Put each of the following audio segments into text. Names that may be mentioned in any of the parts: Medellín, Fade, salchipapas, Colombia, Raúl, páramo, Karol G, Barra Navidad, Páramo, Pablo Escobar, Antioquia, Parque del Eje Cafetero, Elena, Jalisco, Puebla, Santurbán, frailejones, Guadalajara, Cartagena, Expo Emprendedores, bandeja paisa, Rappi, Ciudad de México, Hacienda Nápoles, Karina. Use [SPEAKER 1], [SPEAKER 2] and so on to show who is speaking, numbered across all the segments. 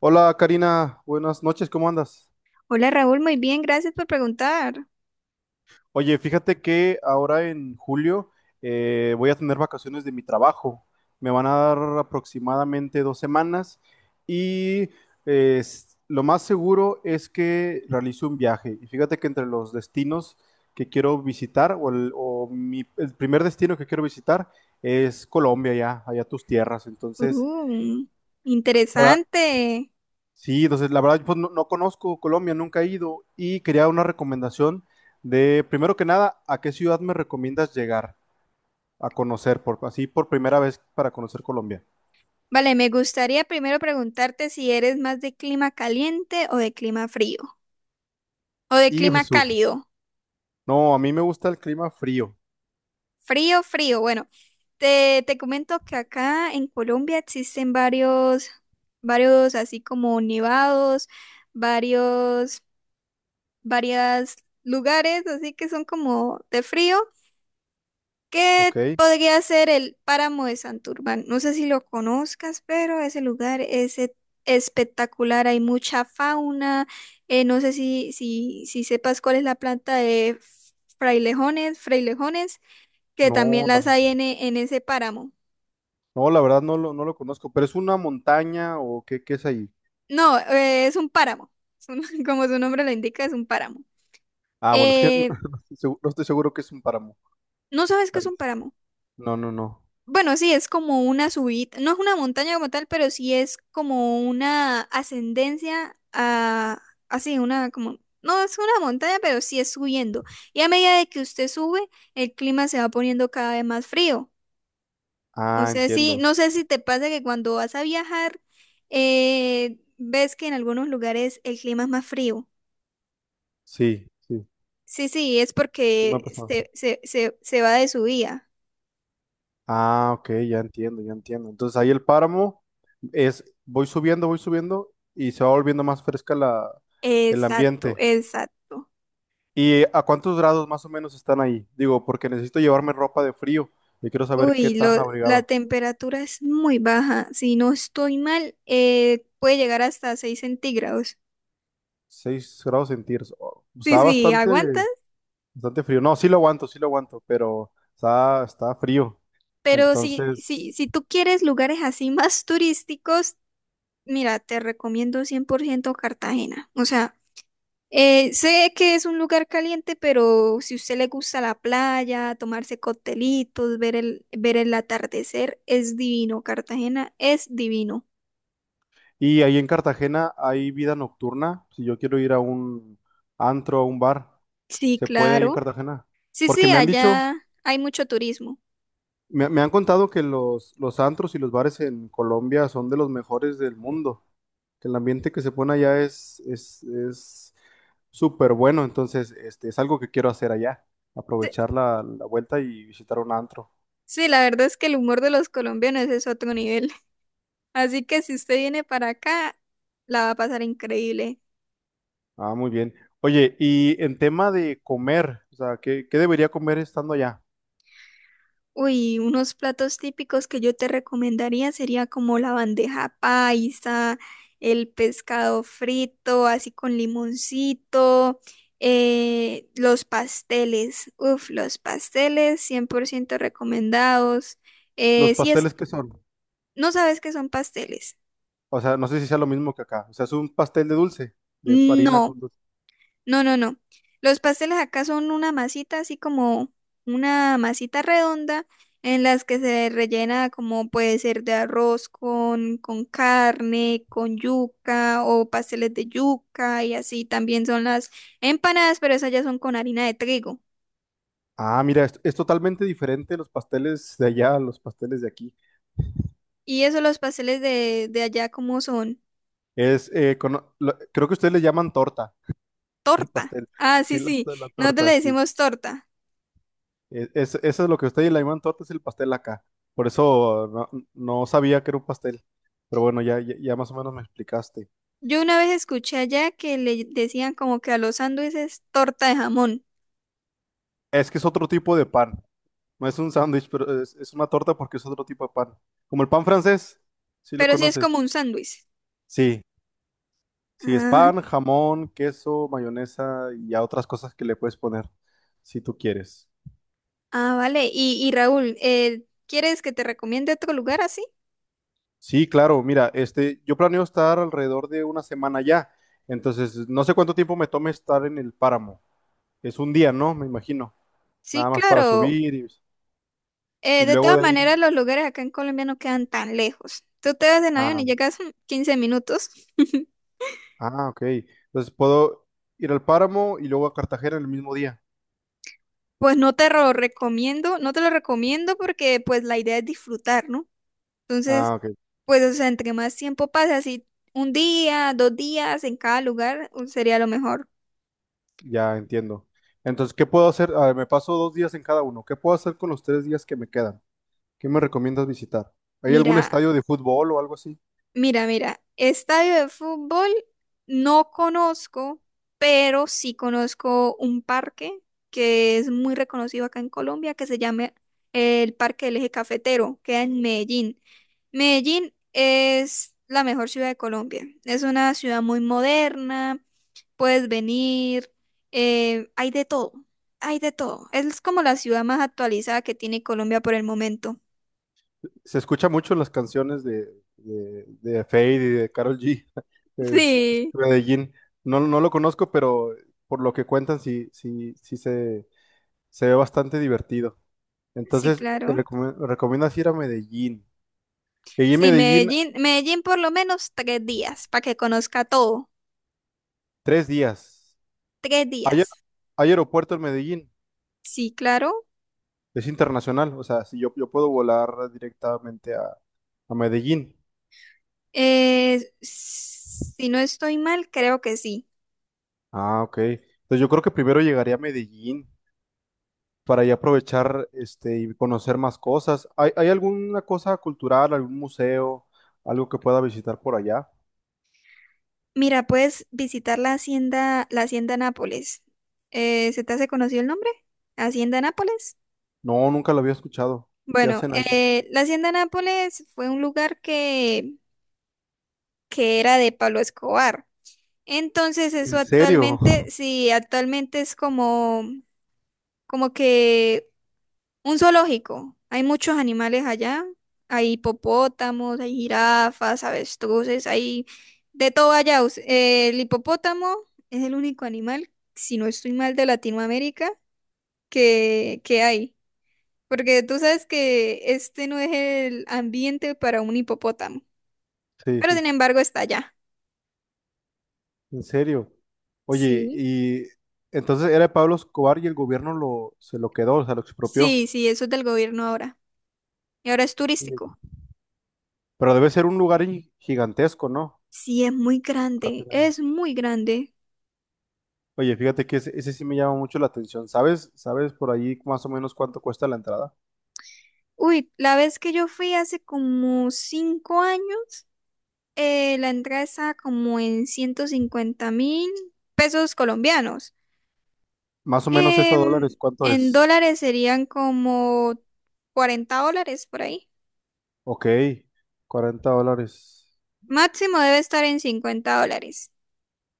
[SPEAKER 1] Hola Karina, buenas noches, ¿cómo andas?
[SPEAKER 2] Hola Raúl, muy bien, gracias por preguntar.
[SPEAKER 1] Oye, fíjate que ahora en julio voy a tener vacaciones de mi trabajo. Me van a dar aproximadamente 2 semanas y lo más seguro es que realice un viaje. Y fíjate que entre los destinos que quiero visitar o, el, o mi- el primer destino que quiero visitar es Colombia, ya, allá tus tierras. Entonces,
[SPEAKER 2] Uh, Interesante.
[SPEAKER 1] sí, entonces la verdad pues, no conozco Colombia, nunca he ido y quería una recomendación de, primero que nada, ¿a qué ciudad me recomiendas llegar a conocer por así por primera vez para conocer Colombia?
[SPEAKER 2] Vale, me gustaría primero preguntarte si eres más de clima caliente o de clima frío, o de
[SPEAKER 1] Y
[SPEAKER 2] clima
[SPEAKER 1] Jesús,
[SPEAKER 2] cálido.
[SPEAKER 1] no, a mí me gusta el clima frío.
[SPEAKER 2] Frío, frío. Bueno, Te comento que acá en Colombia existen varios así como nevados, varios, varias lugares, así que son como de frío. ¿Qué
[SPEAKER 1] ¿Ok?
[SPEAKER 2] podría ser el páramo de Santurbán? No sé si lo conozcas, pero ese lugar es espectacular, hay mucha fauna. No sé si sepas cuál es la planta de frailejones, frailejones, que también
[SPEAKER 1] No, la-
[SPEAKER 2] las hay en en ese páramo.
[SPEAKER 1] no, la verdad no lo conozco, pero es una montaña o qué es ahí.
[SPEAKER 2] No, es un páramo, es un- como su nombre lo indica, es un páramo.
[SPEAKER 1] Ah, bueno, es que no,
[SPEAKER 2] Eh,
[SPEAKER 1] no estoy seguro, no estoy seguro que es un páramo.
[SPEAKER 2] ¿No sabes qué es
[SPEAKER 1] Ay,
[SPEAKER 2] un páramo?
[SPEAKER 1] no, no, no.
[SPEAKER 2] Bueno, sí, es como una subida, no es una montaña como tal, pero sí es como una ascendencia a, así, una como, no es una montaña, pero sí es subiendo. Y a medida de que usted sube, el clima se va poniendo cada vez más frío. No
[SPEAKER 1] Ah,
[SPEAKER 2] sé si,
[SPEAKER 1] entiendo.
[SPEAKER 2] no sé si te pasa que cuando vas a viajar, ves que en algunos lugares el clima es más frío.
[SPEAKER 1] Sí, sí,
[SPEAKER 2] Sí, sí, es
[SPEAKER 1] sí me ha
[SPEAKER 2] porque
[SPEAKER 1] pasado.
[SPEAKER 2] se va de subida.
[SPEAKER 1] Ah, ok, ya entiendo, ya entiendo. Entonces ahí el páramo es, voy subiendo y se va volviendo más fresca el
[SPEAKER 2] Exacto,
[SPEAKER 1] ambiente.
[SPEAKER 2] exacto.
[SPEAKER 1] ¿Y a cuántos grados más o menos están ahí? Digo, porque necesito llevarme ropa de frío y quiero saber qué
[SPEAKER 2] Uy,
[SPEAKER 1] tan
[SPEAKER 2] la
[SPEAKER 1] abrigado.
[SPEAKER 2] temperatura es muy baja. Si no estoy mal, puede llegar hasta 6 centígrados.
[SPEAKER 1] 6 grados centígrados. Oh,
[SPEAKER 2] Sí,
[SPEAKER 1] está
[SPEAKER 2] sí,
[SPEAKER 1] bastante,
[SPEAKER 2] aguantas.
[SPEAKER 1] bastante frío. No, sí lo aguanto, pero está frío.
[SPEAKER 2] Pero si, si,
[SPEAKER 1] Entonces,
[SPEAKER 2] si tú quieres lugares así más turísticos, mira, te recomiendo 100% Cartagena. O sea, sé que es un lugar caliente, pero si usted le gusta la playa, tomarse coctelitos, ver el atardecer, es divino. Cartagena es divino.
[SPEAKER 1] y ahí en Cartagena hay vida nocturna. Si yo quiero ir a un antro, a un bar.
[SPEAKER 2] Sí,
[SPEAKER 1] ¿Se puede ahí en
[SPEAKER 2] claro.
[SPEAKER 1] Cartagena?
[SPEAKER 2] Sí,
[SPEAKER 1] Porque
[SPEAKER 2] sí,
[SPEAKER 1] me han dicho,
[SPEAKER 2] allá hay mucho turismo.
[SPEAKER 1] me han contado que los antros y los bares en Colombia son de los mejores del mundo, que el ambiente que se pone allá es súper bueno, entonces este, es algo que quiero hacer allá, aprovechar la vuelta y visitar un antro.
[SPEAKER 2] Sí, la verdad es que el humor de los colombianos es otro nivel. Así que si usted viene para acá, la va a pasar increíble.
[SPEAKER 1] Ah, muy bien. Oye, y en tema de comer, o sea, ¿qué debería comer estando allá?
[SPEAKER 2] Uy, unos platos típicos que yo te recomendaría sería como la bandeja paisa, el pescado frito, así con limoncito, los pasteles. Uf, los pasteles 100% recomendados.
[SPEAKER 1] ¿Los
[SPEAKER 2] Eh, si es,
[SPEAKER 1] pasteles qué son?
[SPEAKER 2] ¿No sabes qué son pasteles?
[SPEAKER 1] O sea, no sé si sea lo mismo que acá, o sea, es un pastel de dulce, de harina
[SPEAKER 2] No.
[SPEAKER 1] con...
[SPEAKER 2] No, no, no. Los pasteles acá son una masita, así como una masita redonda, en las que se rellena como puede ser de arroz con carne, con yuca o pasteles de yuca y así. También son las empanadas, pero esas ya son con harina de trigo.
[SPEAKER 1] Ah, mira, es totalmente diferente los pasteles de allá a los pasteles de aquí.
[SPEAKER 2] Y eso los pasteles de allá como son
[SPEAKER 1] Creo que ustedes le llaman torta, el
[SPEAKER 2] torta.
[SPEAKER 1] pastel.
[SPEAKER 2] Ah, sí,
[SPEAKER 1] Sí, la,
[SPEAKER 2] sí.
[SPEAKER 1] la
[SPEAKER 2] Nosotros le
[SPEAKER 1] torta, sí.
[SPEAKER 2] decimos torta.
[SPEAKER 1] Es, eso es lo que ustedes le llaman torta, es el pastel acá. Por eso no sabía que era un pastel. Pero bueno, ya, ya, ya más o menos me explicaste.
[SPEAKER 2] Yo una vez escuché allá que le decían como que a los sándwiches torta de jamón,
[SPEAKER 1] Es que es otro tipo de pan. No es un sándwich, pero es una torta porque es otro tipo de pan. Como el pan francés, sí lo
[SPEAKER 2] pero sí es
[SPEAKER 1] conoces.
[SPEAKER 2] como un sándwich.
[SPEAKER 1] Sí, sí, es
[SPEAKER 2] Ah,
[SPEAKER 1] pan, jamón, queso, mayonesa y a otras cosas que le puedes poner si tú quieres.
[SPEAKER 2] vale. Y Raúl, ¿quieres que te recomiende otro lugar así?
[SPEAKER 1] Sí, claro, mira, este, yo planeo estar alrededor de una semana ya, entonces no sé cuánto tiempo me tome estar en el páramo. Es un día, ¿no? Me imagino,
[SPEAKER 2] Sí,
[SPEAKER 1] nada más para
[SPEAKER 2] claro.
[SPEAKER 1] subir y, y
[SPEAKER 2] De
[SPEAKER 1] luego
[SPEAKER 2] todas
[SPEAKER 1] de
[SPEAKER 2] maneras,
[SPEAKER 1] ahí.
[SPEAKER 2] los lugares acá en Colombia no quedan tan lejos. Tú te vas en avión
[SPEAKER 1] Ah,
[SPEAKER 2] y llegas 15 minutos.
[SPEAKER 1] ah, ok. Entonces puedo ir al páramo y luego a Cartagena el mismo día.
[SPEAKER 2] Pues no te lo recomiendo, no te lo recomiendo porque pues la idea es disfrutar, ¿no?
[SPEAKER 1] Ah,
[SPEAKER 2] Entonces,
[SPEAKER 1] ok,
[SPEAKER 2] pues o sea, entre más tiempo pasa, así un día, 2 días en cada lugar, sería lo mejor.
[SPEAKER 1] ya entiendo. Entonces, ¿qué puedo hacer? Ah, me paso 2 días en cada uno. ¿Qué puedo hacer con los 3 días que me quedan? ¿Qué me recomiendas visitar? ¿Hay algún
[SPEAKER 2] Mira,
[SPEAKER 1] estadio de fútbol o algo así?
[SPEAKER 2] mira, estadio de fútbol no conozco, pero sí conozco un parque que es muy reconocido acá en Colombia, que se llama el Parque del Eje Cafetero, queda en Medellín. Medellín es la mejor ciudad de Colombia, es una ciudad muy moderna, puedes venir, hay de todo, hay de todo. Es como la ciudad más actualizada que tiene Colombia por el momento.
[SPEAKER 1] Se escucha mucho en las canciones de, de Fade y de Karol G. Es
[SPEAKER 2] Sí,
[SPEAKER 1] Medellín. No, no lo conozco, pero por lo que cuentan, sí, sí, sí se ve bastante divertido.
[SPEAKER 2] sí,
[SPEAKER 1] Entonces, te
[SPEAKER 2] claro.
[SPEAKER 1] recomiendas ir a Medellín. Y en
[SPEAKER 2] Sí,
[SPEAKER 1] Medellín,
[SPEAKER 2] Medellín, Medellín por lo menos 3 días para que conozca todo.
[SPEAKER 1] 3 días.
[SPEAKER 2] Tres
[SPEAKER 1] ¿Hay,
[SPEAKER 2] días.
[SPEAKER 1] hay aeropuerto en Medellín?
[SPEAKER 2] Sí, claro.
[SPEAKER 1] Es internacional. O sea, si yo puedo volar directamente a, Medellín.
[SPEAKER 2] Si no estoy mal, creo que sí.
[SPEAKER 1] Ah, ok. Entonces yo creo que primero llegaría a Medellín para ya aprovechar este y conocer más cosas. ¿Hay alguna cosa cultural, algún museo, algo que pueda visitar por allá?
[SPEAKER 2] Mira, puedes visitar la hacienda Nápoles. ¿Se te hace conocido el nombre? Hacienda Nápoles.
[SPEAKER 1] No, nunca lo había escuchado. ¿Qué
[SPEAKER 2] Bueno,
[SPEAKER 1] hacen ahí?
[SPEAKER 2] la hacienda Nápoles fue un lugar que era de Pablo Escobar. Entonces,
[SPEAKER 1] ¿En
[SPEAKER 2] eso
[SPEAKER 1] serio?
[SPEAKER 2] actualmente, sí, actualmente es como, como que un zoológico. Hay muchos animales allá. Hay hipopótamos, hay jirafas, avestruces, hay de todo allá. El hipopótamo es el único animal, si no estoy mal, de Latinoamérica que hay. Porque tú sabes que este no es el ambiente para un hipopótamo.
[SPEAKER 1] Sí,
[SPEAKER 2] Pero sin
[SPEAKER 1] sí,
[SPEAKER 2] embargo está allá.
[SPEAKER 1] en serio. Oye,
[SPEAKER 2] Sí.
[SPEAKER 1] y entonces era de Pablo Escobar y el gobierno se lo quedó, o sea, lo expropió.
[SPEAKER 2] Sí, sí, eso es del gobierno ahora. Y ahora es
[SPEAKER 1] Sí.
[SPEAKER 2] turístico.
[SPEAKER 1] Pero debe ser un lugar gigantesco, ¿no?
[SPEAKER 2] Sí, es muy
[SPEAKER 1] Para
[SPEAKER 2] grande,
[SPEAKER 1] tener-
[SPEAKER 2] es muy grande.
[SPEAKER 1] Oye, fíjate que ese sí me llama mucho la atención. ¿Sabes? ¿Sabes por ahí más o menos cuánto cuesta la entrada?
[SPEAKER 2] Uy, la vez que yo fui hace como 5 años, la entrada estaba como en 150 mil pesos colombianos.
[SPEAKER 1] Más o menos eso a
[SPEAKER 2] Em,
[SPEAKER 1] dólares, ¿cuánto
[SPEAKER 2] en
[SPEAKER 1] es?
[SPEAKER 2] dólares serían como $40 por ahí.
[SPEAKER 1] Ok, $40.
[SPEAKER 2] Máximo debe estar en $50.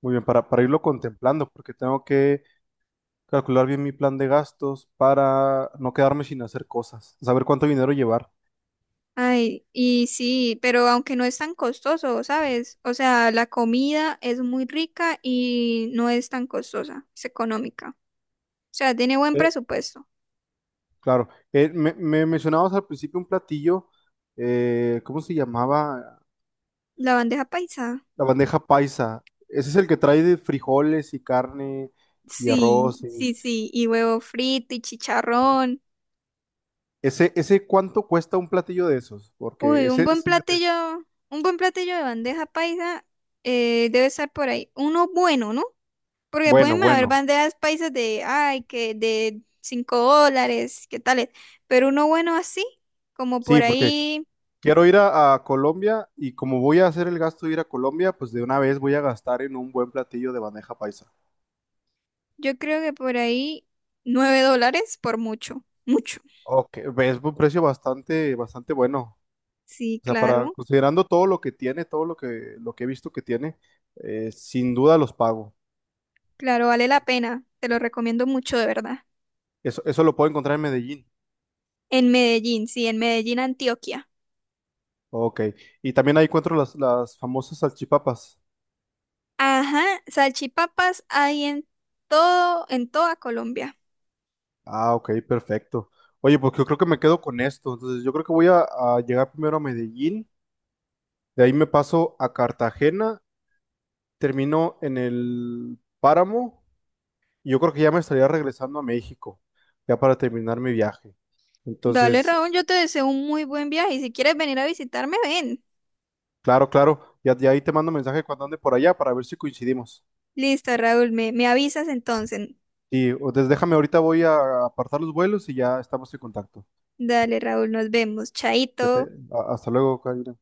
[SPEAKER 1] Muy bien, para irlo contemplando, porque tengo que calcular bien mi plan de gastos para no quedarme sin hacer cosas, saber cuánto dinero llevar.
[SPEAKER 2] Ay, y sí, pero aunque no es tan costoso, ¿sabes? O sea, la comida es muy rica y no es tan costosa, es económica. O sea, tiene buen
[SPEAKER 1] Eh,
[SPEAKER 2] presupuesto.
[SPEAKER 1] claro, me mencionabas al principio un platillo, ¿cómo se llamaba?
[SPEAKER 2] La bandeja paisa.
[SPEAKER 1] La bandeja paisa. Ese es el que trae de frijoles y carne y
[SPEAKER 2] Sí,
[SPEAKER 1] arroz.
[SPEAKER 2] sí, sí, y huevo frito y chicharrón.
[SPEAKER 1] Ese cuánto cuesta un platillo de esos, porque
[SPEAKER 2] Uy, un buen platillo, un buen platillo de bandeja paisa debe estar por ahí. Uno bueno, ¿no? Porque
[SPEAKER 1] bueno,
[SPEAKER 2] pueden haber
[SPEAKER 1] bueno,
[SPEAKER 2] bandejas paisas de, ay, que de $5, qué tales. Pero uno bueno así, como por
[SPEAKER 1] sí, porque
[SPEAKER 2] ahí,
[SPEAKER 1] quiero ir a, Colombia y como voy a hacer el gasto de ir a Colombia, pues de una vez voy a gastar en un buen platillo de bandeja paisa.
[SPEAKER 2] yo creo que por ahí $9 por mucho, mucho.
[SPEAKER 1] Ok, es un precio bastante, bastante bueno.
[SPEAKER 2] Sí,
[SPEAKER 1] O sea, para
[SPEAKER 2] claro,
[SPEAKER 1] considerando todo lo que tiene, todo lo que he visto que tiene, sin duda los pago.
[SPEAKER 2] claro, vale la pena. Te lo recomiendo mucho, de verdad.
[SPEAKER 1] Eso lo puedo encontrar en Medellín.
[SPEAKER 2] En Medellín, sí, en Medellín, Antioquia.
[SPEAKER 1] Ok. Y también ahí encuentro las famosas salchipapas.
[SPEAKER 2] Ajá, salchipapas hay en todo, en toda Colombia.
[SPEAKER 1] Ah, ok, perfecto. Oye, pues yo creo que me quedo con esto. Entonces, yo creo que voy a, llegar primero a Medellín, de ahí me paso a Cartagena, termino en el Páramo, y yo creo que ya me estaría regresando a México, ya para terminar mi viaje.
[SPEAKER 2] Dale,
[SPEAKER 1] Entonces,
[SPEAKER 2] Raúl, yo te deseo un muy buen viaje y si quieres venir a visitarme, ven.
[SPEAKER 1] claro, claro, ya, ya ahí te mando mensaje cuando ande por allá para ver si coincidimos.
[SPEAKER 2] Listo, Raúl, me avisas entonces.
[SPEAKER 1] Y entonces déjame, ahorita voy a apartar los vuelos y ya estamos en contacto.
[SPEAKER 2] Dale, Raúl, nos vemos. Chaito.
[SPEAKER 1] Hasta luego, Karina.